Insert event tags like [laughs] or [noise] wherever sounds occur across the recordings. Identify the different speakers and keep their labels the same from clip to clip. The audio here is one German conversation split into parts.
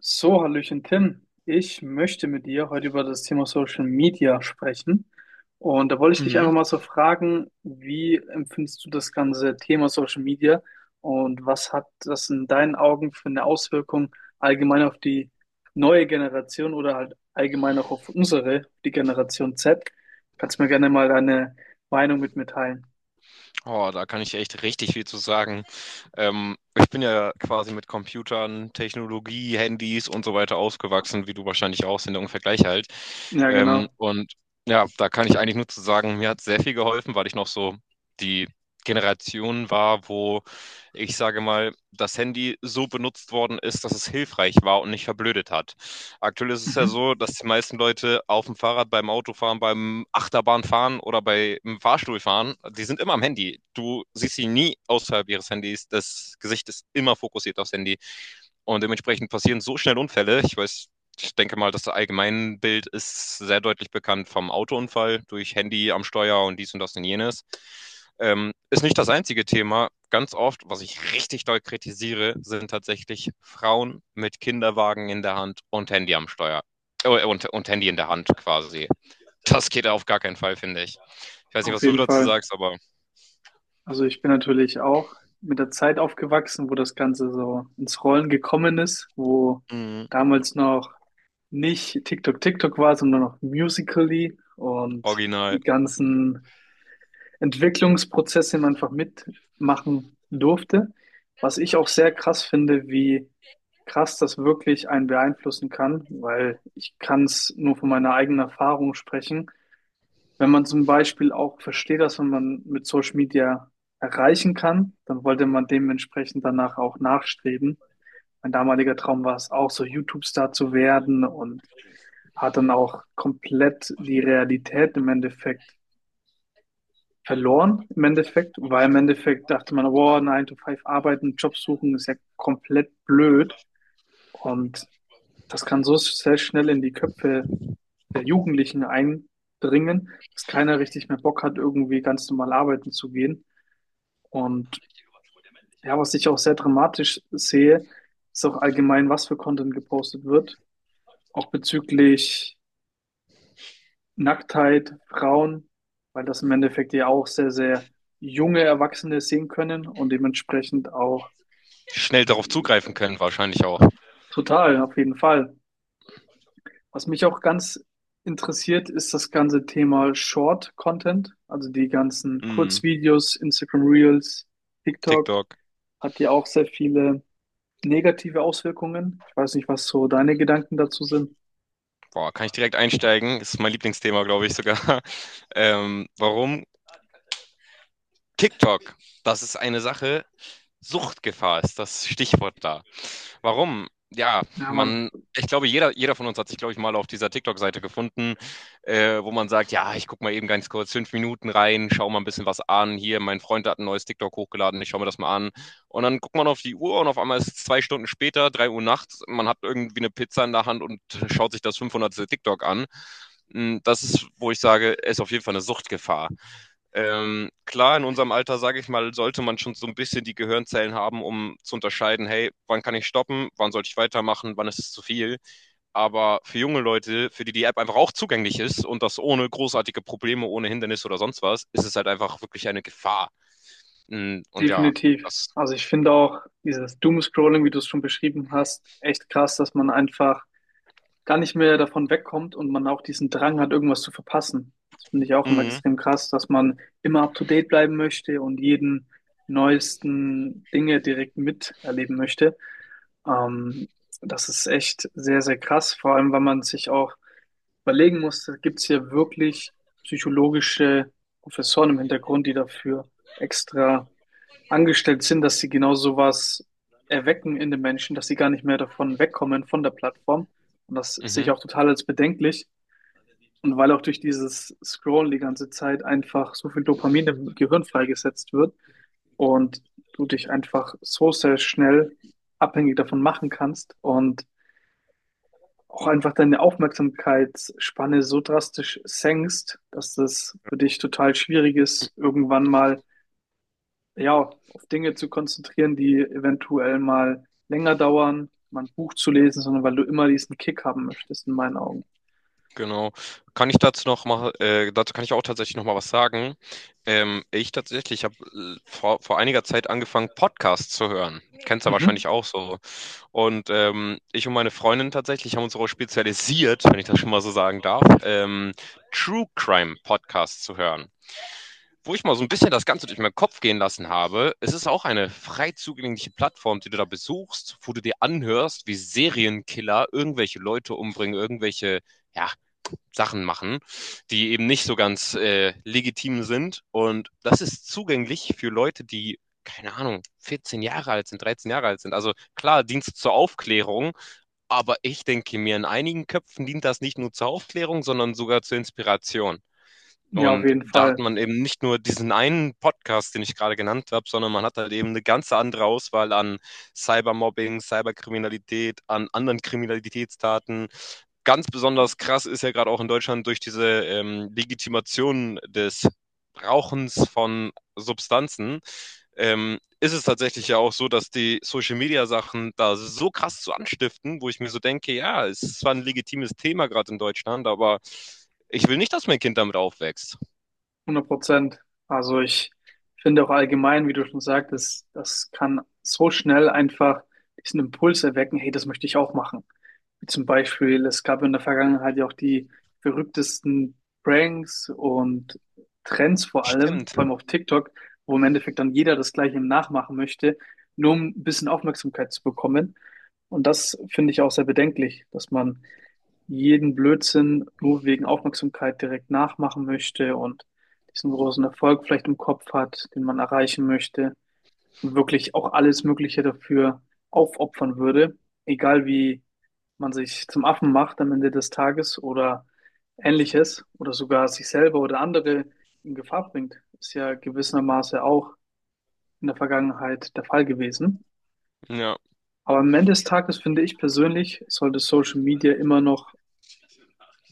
Speaker 1: So, Hallöchen Tim. Ich möchte mit dir heute über das Thema Social Media sprechen. Und da wollte ich dich
Speaker 2: Mhm.
Speaker 1: einfach mal so fragen, wie empfindest du das ganze Thema Social Media und was hat das in deinen Augen für eine Auswirkung allgemein auf die neue Generation oder halt allgemein auch auf unsere, die Generation Z? Kannst du mir gerne mal deine Meinung mitteilen?
Speaker 2: Oh, da kann ich echt richtig viel zu sagen. Ich bin ja quasi mit Computern, Technologie, Handys und so weiter aufgewachsen, wie du wahrscheinlich auch, sind ja ungefähr gleich alt.
Speaker 1: Ja,
Speaker 2: Ähm,
Speaker 1: genau.
Speaker 2: und ja, da kann ich eigentlich nur zu sagen, mir hat sehr viel geholfen, weil ich noch so die Generation war, wo ich sage mal, das Handy so benutzt worden ist, dass es hilfreich war und nicht verblödet hat. Aktuell ist es ja
Speaker 1: Mhm.
Speaker 2: so, dass die meisten Leute auf dem Fahrrad, beim Autofahren, beim Achterbahnfahren oder beim Fahrstuhlfahren, die sind immer am Handy. Du siehst sie nie außerhalb ihres Handys. Das Gesicht ist immer fokussiert aufs Handy. Und dementsprechend passieren so schnell Unfälle. Ich denke mal, das Allgemeinbild ist sehr deutlich bekannt vom Autounfall durch Handy am Steuer und dies und das und jenes. Ist nicht das einzige Thema. Ganz oft, was ich richtig doll kritisiere, sind tatsächlich Frauen mit Kinderwagen in der Hand und Handy am Steuer. Und Handy in der Hand quasi. Das geht auf gar keinen Fall, finde ich. Ich weiß nicht,
Speaker 1: Auf
Speaker 2: was du
Speaker 1: jeden
Speaker 2: dazu
Speaker 1: Fall.
Speaker 2: sagst, aber
Speaker 1: Also ich bin natürlich auch mit der Zeit aufgewachsen, wo das Ganze so ins Rollen gekommen ist, wo
Speaker 2: mm,
Speaker 1: damals noch nicht TikTok war, sondern noch Musical.ly und
Speaker 2: original.
Speaker 1: die ganzen Entwicklungsprozesse man einfach mitmachen durfte. Was ich auch sehr krass finde, wie krass das wirklich einen beeinflussen kann, weil ich kann es nur von meiner eigenen Erfahrung sprechen, wenn man zum Beispiel auch versteht, dass man mit Social Media erreichen kann, dann wollte man dementsprechend danach auch nachstreben. Mein damaliger Traum war es auch, so YouTube-Star zu werden, und hat dann auch komplett die Realität im Endeffekt verloren, im Endeffekt, weil im Endeffekt dachte man, wow, 9 to 5 arbeiten, Job suchen ist ja komplett blöd, und das kann so sehr schnell in die Köpfe der Jugendlichen eindringen, dass keiner richtig mehr Bock hat, irgendwie ganz normal arbeiten zu gehen. Und ja, was ich auch sehr dramatisch sehe, ist auch allgemein, was für Content gepostet wird. Auch bezüglich Nacktheit, Frauen, weil das im Endeffekt ja auch sehr, sehr junge Erwachsene sehen können und dementsprechend auch
Speaker 2: Schnell darauf zugreifen können, wahrscheinlich auch.
Speaker 1: total, auf jeden Fall. Was mich auch ganz interessiert, ist das ganze Thema Short Content, also die ganzen
Speaker 2: Mm,
Speaker 1: Kurzvideos, Instagram Reels, TikTok,
Speaker 2: TikTok.
Speaker 1: hat ja auch sehr viele negative Auswirkungen. Ich weiß nicht, was so deine Gedanken dazu sind.
Speaker 2: Boah, kann ich direkt einsteigen? Ist mein Lieblingsthema, glaube ich sogar. Warum? TikTok, das ist eine Sache. Suchtgefahr ist das Stichwort da. Warum? Ja,
Speaker 1: Ja, Mann,
Speaker 2: man, ich glaube, jeder von uns hat sich, glaube ich, mal auf dieser TikTok-Seite gefunden, wo man sagt, ja, ich gucke mal eben ganz kurz 5 Minuten rein, schau mal ein bisschen was an. Hier, mein Freund hat ein neues TikTok hochgeladen, ich schaue mir das mal an. Und dann guckt man auf die Uhr und auf einmal ist es 2 Stunden später, 3 Uhr nachts, man hat irgendwie eine Pizza in der Hand und schaut sich das 500. TikTok an. Mm, das ist, wo ich sage, ist auf jeden Fall eine Suchtgefahr. Klar, in unserem Alter, sage ich mal, sollte man schon so ein bisschen die Gehirnzellen haben, um zu unterscheiden, hey, wann kann ich stoppen, wann sollte ich weitermachen, wann ist es zu viel. Aber für junge Leute, für die die App einfach auch zugänglich ist und das ohne großartige Probleme, ohne Hindernis oder sonst was, ist es halt einfach wirklich eine Gefahr. Und ja,
Speaker 1: definitiv.
Speaker 2: das.
Speaker 1: Also ich finde auch dieses Doomscrolling, wie du es schon beschrieben hast, echt krass, dass man einfach gar nicht mehr davon wegkommt und man auch diesen Drang hat, irgendwas zu verpassen. Das finde ich auch immer
Speaker 2: Mhm,
Speaker 1: extrem krass, dass man immer up to date bleiben möchte und jeden neuesten Dinge direkt miterleben möchte. Ähm, Das ist echt sehr, sehr krass, vor allem, weil man sich auch überlegen muss, gibt es hier wirklich psychologische Professoren im Hintergrund, die dafür extra angestellt sind, dass sie genau sowas erwecken in den Menschen, dass sie gar nicht mehr davon wegkommen von der Plattform. Und das sehe ich
Speaker 2: mhm,
Speaker 1: auch total als bedenklich. Und weil auch durch dieses Scrollen die ganze Zeit einfach so viel Dopamin im Gehirn freigesetzt wird und du dich einfach so sehr schnell abhängig davon machen kannst und auch einfach deine Aufmerksamkeitsspanne so drastisch senkst, dass das für dich total schwierig ist, irgendwann mal, ja, auf Dinge zu konzentrieren, die eventuell mal länger dauern, mal ein Buch zu lesen, sondern weil du immer diesen Kick haben möchtest, in meinen Augen.
Speaker 2: genau. Kann ich dazu noch mal, dazu kann ich auch tatsächlich noch mal was sagen. Ich tatsächlich habe vor einiger Zeit angefangen, Podcasts zu hören. Kennst du ja
Speaker 1: Mhm.
Speaker 2: wahrscheinlich auch so. Und ich und meine Freundin tatsächlich haben uns darauf spezialisiert, wenn ich das schon mal so sagen darf, True Crime Podcasts zu hören. Wo ich mal so ein bisschen das Ganze durch meinen Kopf gehen lassen habe, es ist auch eine frei zugängliche Plattform, die du da besuchst, wo du dir anhörst, wie Serienkiller irgendwelche Leute umbringen, irgendwelche, ja, Sachen machen, die eben nicht so ganz legitim sind. Und das ist zugänglich für Leute, die, keine Ahnung, 14 Jahre alt sind, 13 Jahre alt sind. Also klar, Dienst zur Aufklärung, aber ich denke mir, in einigen Köpfen dient das nicht nur zur Aufklärung, sondern sogar zur Inspiration.
Speaker 1: Ja, auf
Speaker 2: Und
Speaker 1: jeden
Speaker 2: da hat
Speaker 1: Fall.
Speaker 2: man eben nicht nur diesen einen Podcast, den ich gerade genannt habe, sondern man hat halt eben eine ganze andere Auswahl an Cybermobbing, Cyberkriminalität, an anderen Kriminalitätstaten. Ganz besonders krass ist ja gerade auch in Deutschland durch diese Legitimation des Rauchens von Substanzen, ist es tatsächlich ja auch so, dass die Social Media Sachen da so krass zu anstiften, wo ich mir so denke, ja, es ist zwar ein legitimes Thema gerade in Deutschland, aber ich will nicht, dass mein Kind damit aufwächst.
Speaker 1: 100%. Also ich finde auch allgemein, wie du schon sagtest, das kann so schnell einfach diesen Impuls erwecken, hey, das möchte ich auch machen. Wie zum Beispiel, es gab in der Vergangenheit ja auch die verrücktesten Pranks und Trends, vor allem,
Speaker 2: Stimmt.
Speaker 1: vor allem auf TikTok, wo im Endeffekt dann jeder das Gleiche nachmachen möchte, nur um ein bisschen Aufmerksamkeit zu bekommen. Und das finde ich auch sehr bedenklich, dass man jeden Blödsinn nur wegen Aufmerksamkeit direkt nachmachen möchte und diesen großen Erfolg vielleicht im Kopf hat, den man erreichen möchte und wirklich auch alles Mögliche dafür aufopfern würde, egal wie man sich zum Affen macht am Ende des Tages oder ähnliches oder sogar sich selber oder andere in Gefahr bringt, ist ja gewissermaßen auch in der Vergangenheit der Fall gewesen.
Speaker 2: Ja,
Speaker 1: Aber am Ende des Tages finde ich persönlich, sollte Social Media immer noch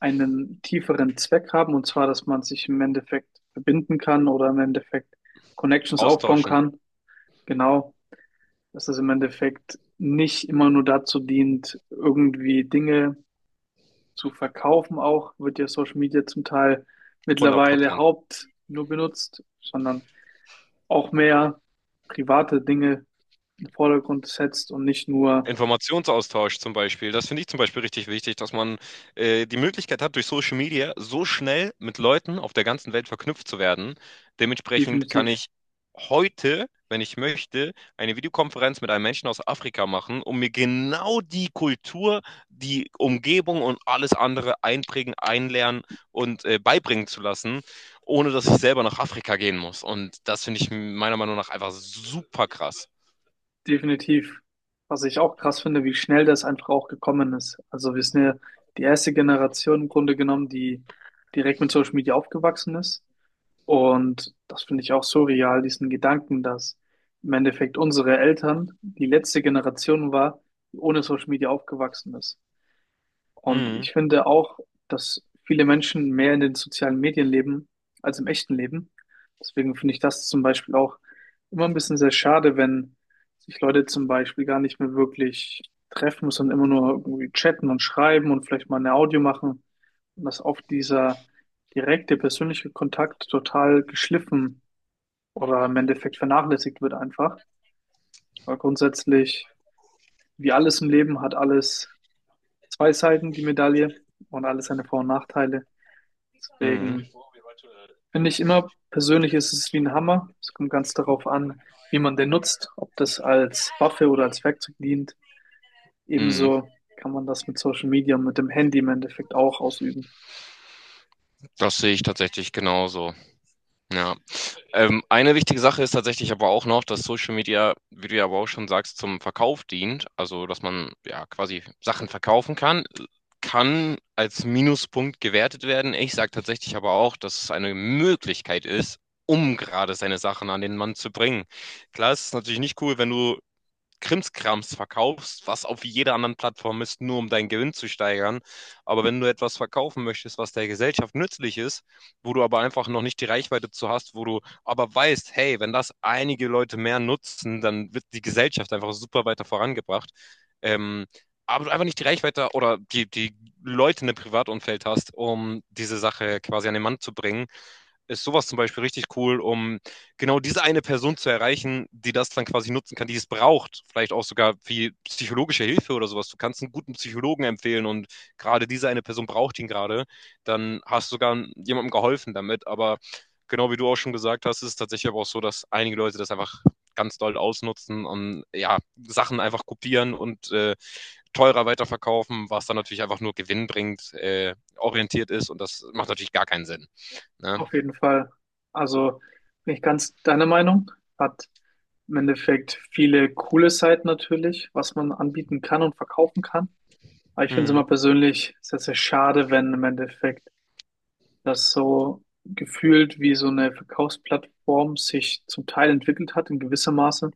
Speaker 1: einen tieferen Zweck haben, und zwar, dass man sich im Endeffekt verbinden kann oder im Endeffekt Connections aufbauen
Speaker 2: austauschen.
Speaker 1: kann. Genau, dass es im Endeffekt nicht immer nur dazu dient, irgendwie Dinge zu verkaufen, auch wird ja Social Media zum Teil
Speaker 2: Hundert
Speaker 1: mittlerweile
Speaker 2: Prozent.
Speaker 1: haupt nur benutzt, sondern auch mehr private Dinge in den Vordergrund setzt und nicht nur
Speaker 2: Informationsaustausch zum Beispiel. Das finde ich zum Beispiel richtig wichtig, dass man die Möglichkeit hat, durch Social Media so schnell mit Leuten auf der ganzen Welt verknüpft zu werden. Dementsprechend
Speaker 1: definitiv,
Speaker 2: kann ich heute, wenn ich möchte, eine Videokonferenz mit einem Menschen aus Afrika machen, um mir genau die Kultur, die Umgebung und alles andere einprägen, einlernen und beibringen zu lassen, ohne dass ich selber nach Afrika gehen muss. Und das finde ich meiner Meinung nach einfach super krass.
Speaker 1: definitiv, was ich auch krass finde, wie schnell das einfach auch gekommen ist. Also wir sind ja die erste Generation im Grunde genommen, die direkt mit Social Media aufgewachsen ist. Und das finde ich auch surreal, diesen Gedanken, dass im Endeffekt unsere Eltern die letzte Generation war, die ohne Social Media aufgewachsen ist. Und
Speaker 2: Mhm.
Speaker 1: ich finde auch, dass viele Menschen mehr in den sozialen Medien leben als im echten Leben. Deswegen finde ich das zum Beispiel auch immer ein bisschen sehr schade, wenn sich Leute zum Beispiel gar nicht mehr wirklich treffen, sondern immer nur irgendwie chatten und schreiben und vielleicht mal eine Audio machen. Und dass oft dieser direkte persönliche Kontakt total geschliffen oder im Endeffekt vernachlässigt wird einfach. Weil grundsätzlich, wie alles im Leben, hat alles zwei Seiten, die Medaille, und alles seine Vor- und Nachteile.
Speaker 2: Mhm.
Speaker 1: Deswegen finde ich immer, persönlich ist es wie ein Hammer. Es kommt ganz darauf an, wie man den nutzt, ob das als Waffe oder als Werkzeug dient.
Speaker 2: Mhm.
Speaker 1: Ebenso kann man das mit Social Media und mit dem Handy im Endeffekt auch ausüben.
Speaker 2: Das sehe ich tatsächlich genauso. Ja. Eine wichtige Sache ist tatsächlich aber auch noch, dass Social Media, wie du ja aber auch schon sagst, zum Verkauf dient. Also, dass man ja quasi Sachen verkaufen kann, kann als Minuspunkt gewertet werden. Ich sage tatsächlich aber auch, dass es eine Möglichkeit ist, um gerade seine Sachen an den Mann zu bringen. Klar, es ist natürlich nicht cool, wenn du Krimskrams verkaufst, was auf jeder anderen Plattform ist, nur um deinen Gewinn zu steigern. Aber wenn du etwas verkaufen möchtest, was der Gesellschaft nützlich ist, wo du aber einfach noch nicht die Reichweite zu hast, wo du aber weißt, hey, wenn das einige Leute mehr nutzen, dann wird die Gesellschaft einfach super weiter vorangebracht. Ähm, aber du einfach nicht die Reichweite oder die Leute in dem Privatumfeld hast, um diese Sache quasi an den Mann zu bringen, ist sowas zum Beispiel richtig cool, um genau diese eine Person zu erreichen, die das dann quasi nutzen kann, die es braucht. Vielleicht auch sogar wie psychologische Hilfe oder sowas. Du kannst einen guten Psychologen empfehlen und gerade diese eine Person braucht ihn gerade. Dann hast du sogar jemandem geholfen damit. Aber genau wie du auch schon gesagt hast, ist es tatsächlich aber auch so, dass einige Leute das einfach ganz doll ausnutzen und ja, Sachen einfach kopieren und teurer weiterverkaufen, was dann natürlich einfach nur gewinnbringend orientiert ist und das macht natürlich gar keinen Sinn. Ne?
Speaker 1: Auf jeden Fall. Also bin ich ganz deiner Meinung. Hat im Endeffekt viele coole Seiten natürlich, was man anbieten kann und verkaufen kann. Aber ich finde es
Speaker 2: Mhm.
Speaker 1: immer persönlich sehr, sehr schade, wenn im Endeffekt dass so gefühlt wie so eine Verkaufsplattform sich zum Teil entwickelt hat in gewisser Maße.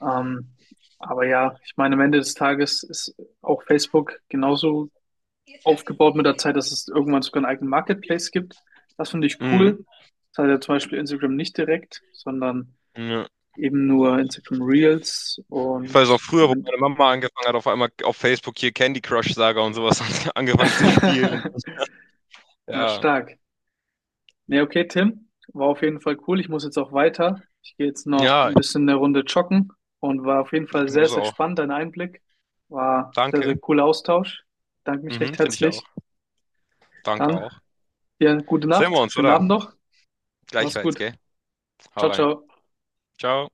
Speaker 1: Ähm, aber ja, ich meine, am Ende des Tages ist auch Facebook genauso aufgebaut mit der Zeit, dass es irgendwann sogar einen eigenen Marketplace gibt. Das finde ich
Speaker 2: Mhm.
Speaker 1: cool. Das hat ja zum Beispiel Instagram nicht direkt, sondern
Speaker 2: Ja.
Speaker 1: eben nur Instagram Reels
Speaker 2: Ich weiß auch
Speaker 1: und
Speaker 2: früher, wo
Speaker 1: mit
Speaker 2: meine Mama angefangen hat, auf einmal auf Facebook hier Candy Crush Saga und sowas [laughs]
Speaker 1: [laughs]
Speaker 2: angefangen zu spielen.
Speaker 1: ja,
Speaker 2: Ja,
Speaker 1: stark. Nee, okay, Tim. War auf jeden Fall cool. Ich muss jetzt auch weiter. Ich gehe jetzt noch
Speaker 2: ja,
Speaker 1: ein bisschen eine Runde joggen und war auf jeden Fall
Speaker 2: ich
Speaker 1: sehr,
Speaker 2: muss
Speaker 1: sehr
Speaker 2: auch.
Speaker 1: spannend, dein Einblick. War sehr, sehr
Speaker 2: Danke.
Speaker 1: cooler Austausch. Danke mich
Speaker 2: Mhm,
Speaker 1: recht
Speaker 2: finde ich auch.
Speaker 1: herzlich.
Speaker 2: Danke
Speaker 1: Dann
Speaker 2: auch.
Speaker 1: dir eine gute
Speaker 2: Sehen wir
Speaker 1: Nacht,
Speaker 2: uns,
Speaker 1: schönen
Speaker 2: oder?
Speaker 1: Abend noch. Mach's
Speaker 2: Gleichfalls,
Speaker 1: gut.
Speaker 2: gell? Hau
Speaker 1: Ciao,
Speaker 2: rein.
Speaker 1: ciao.
Speaker 2: Ciao.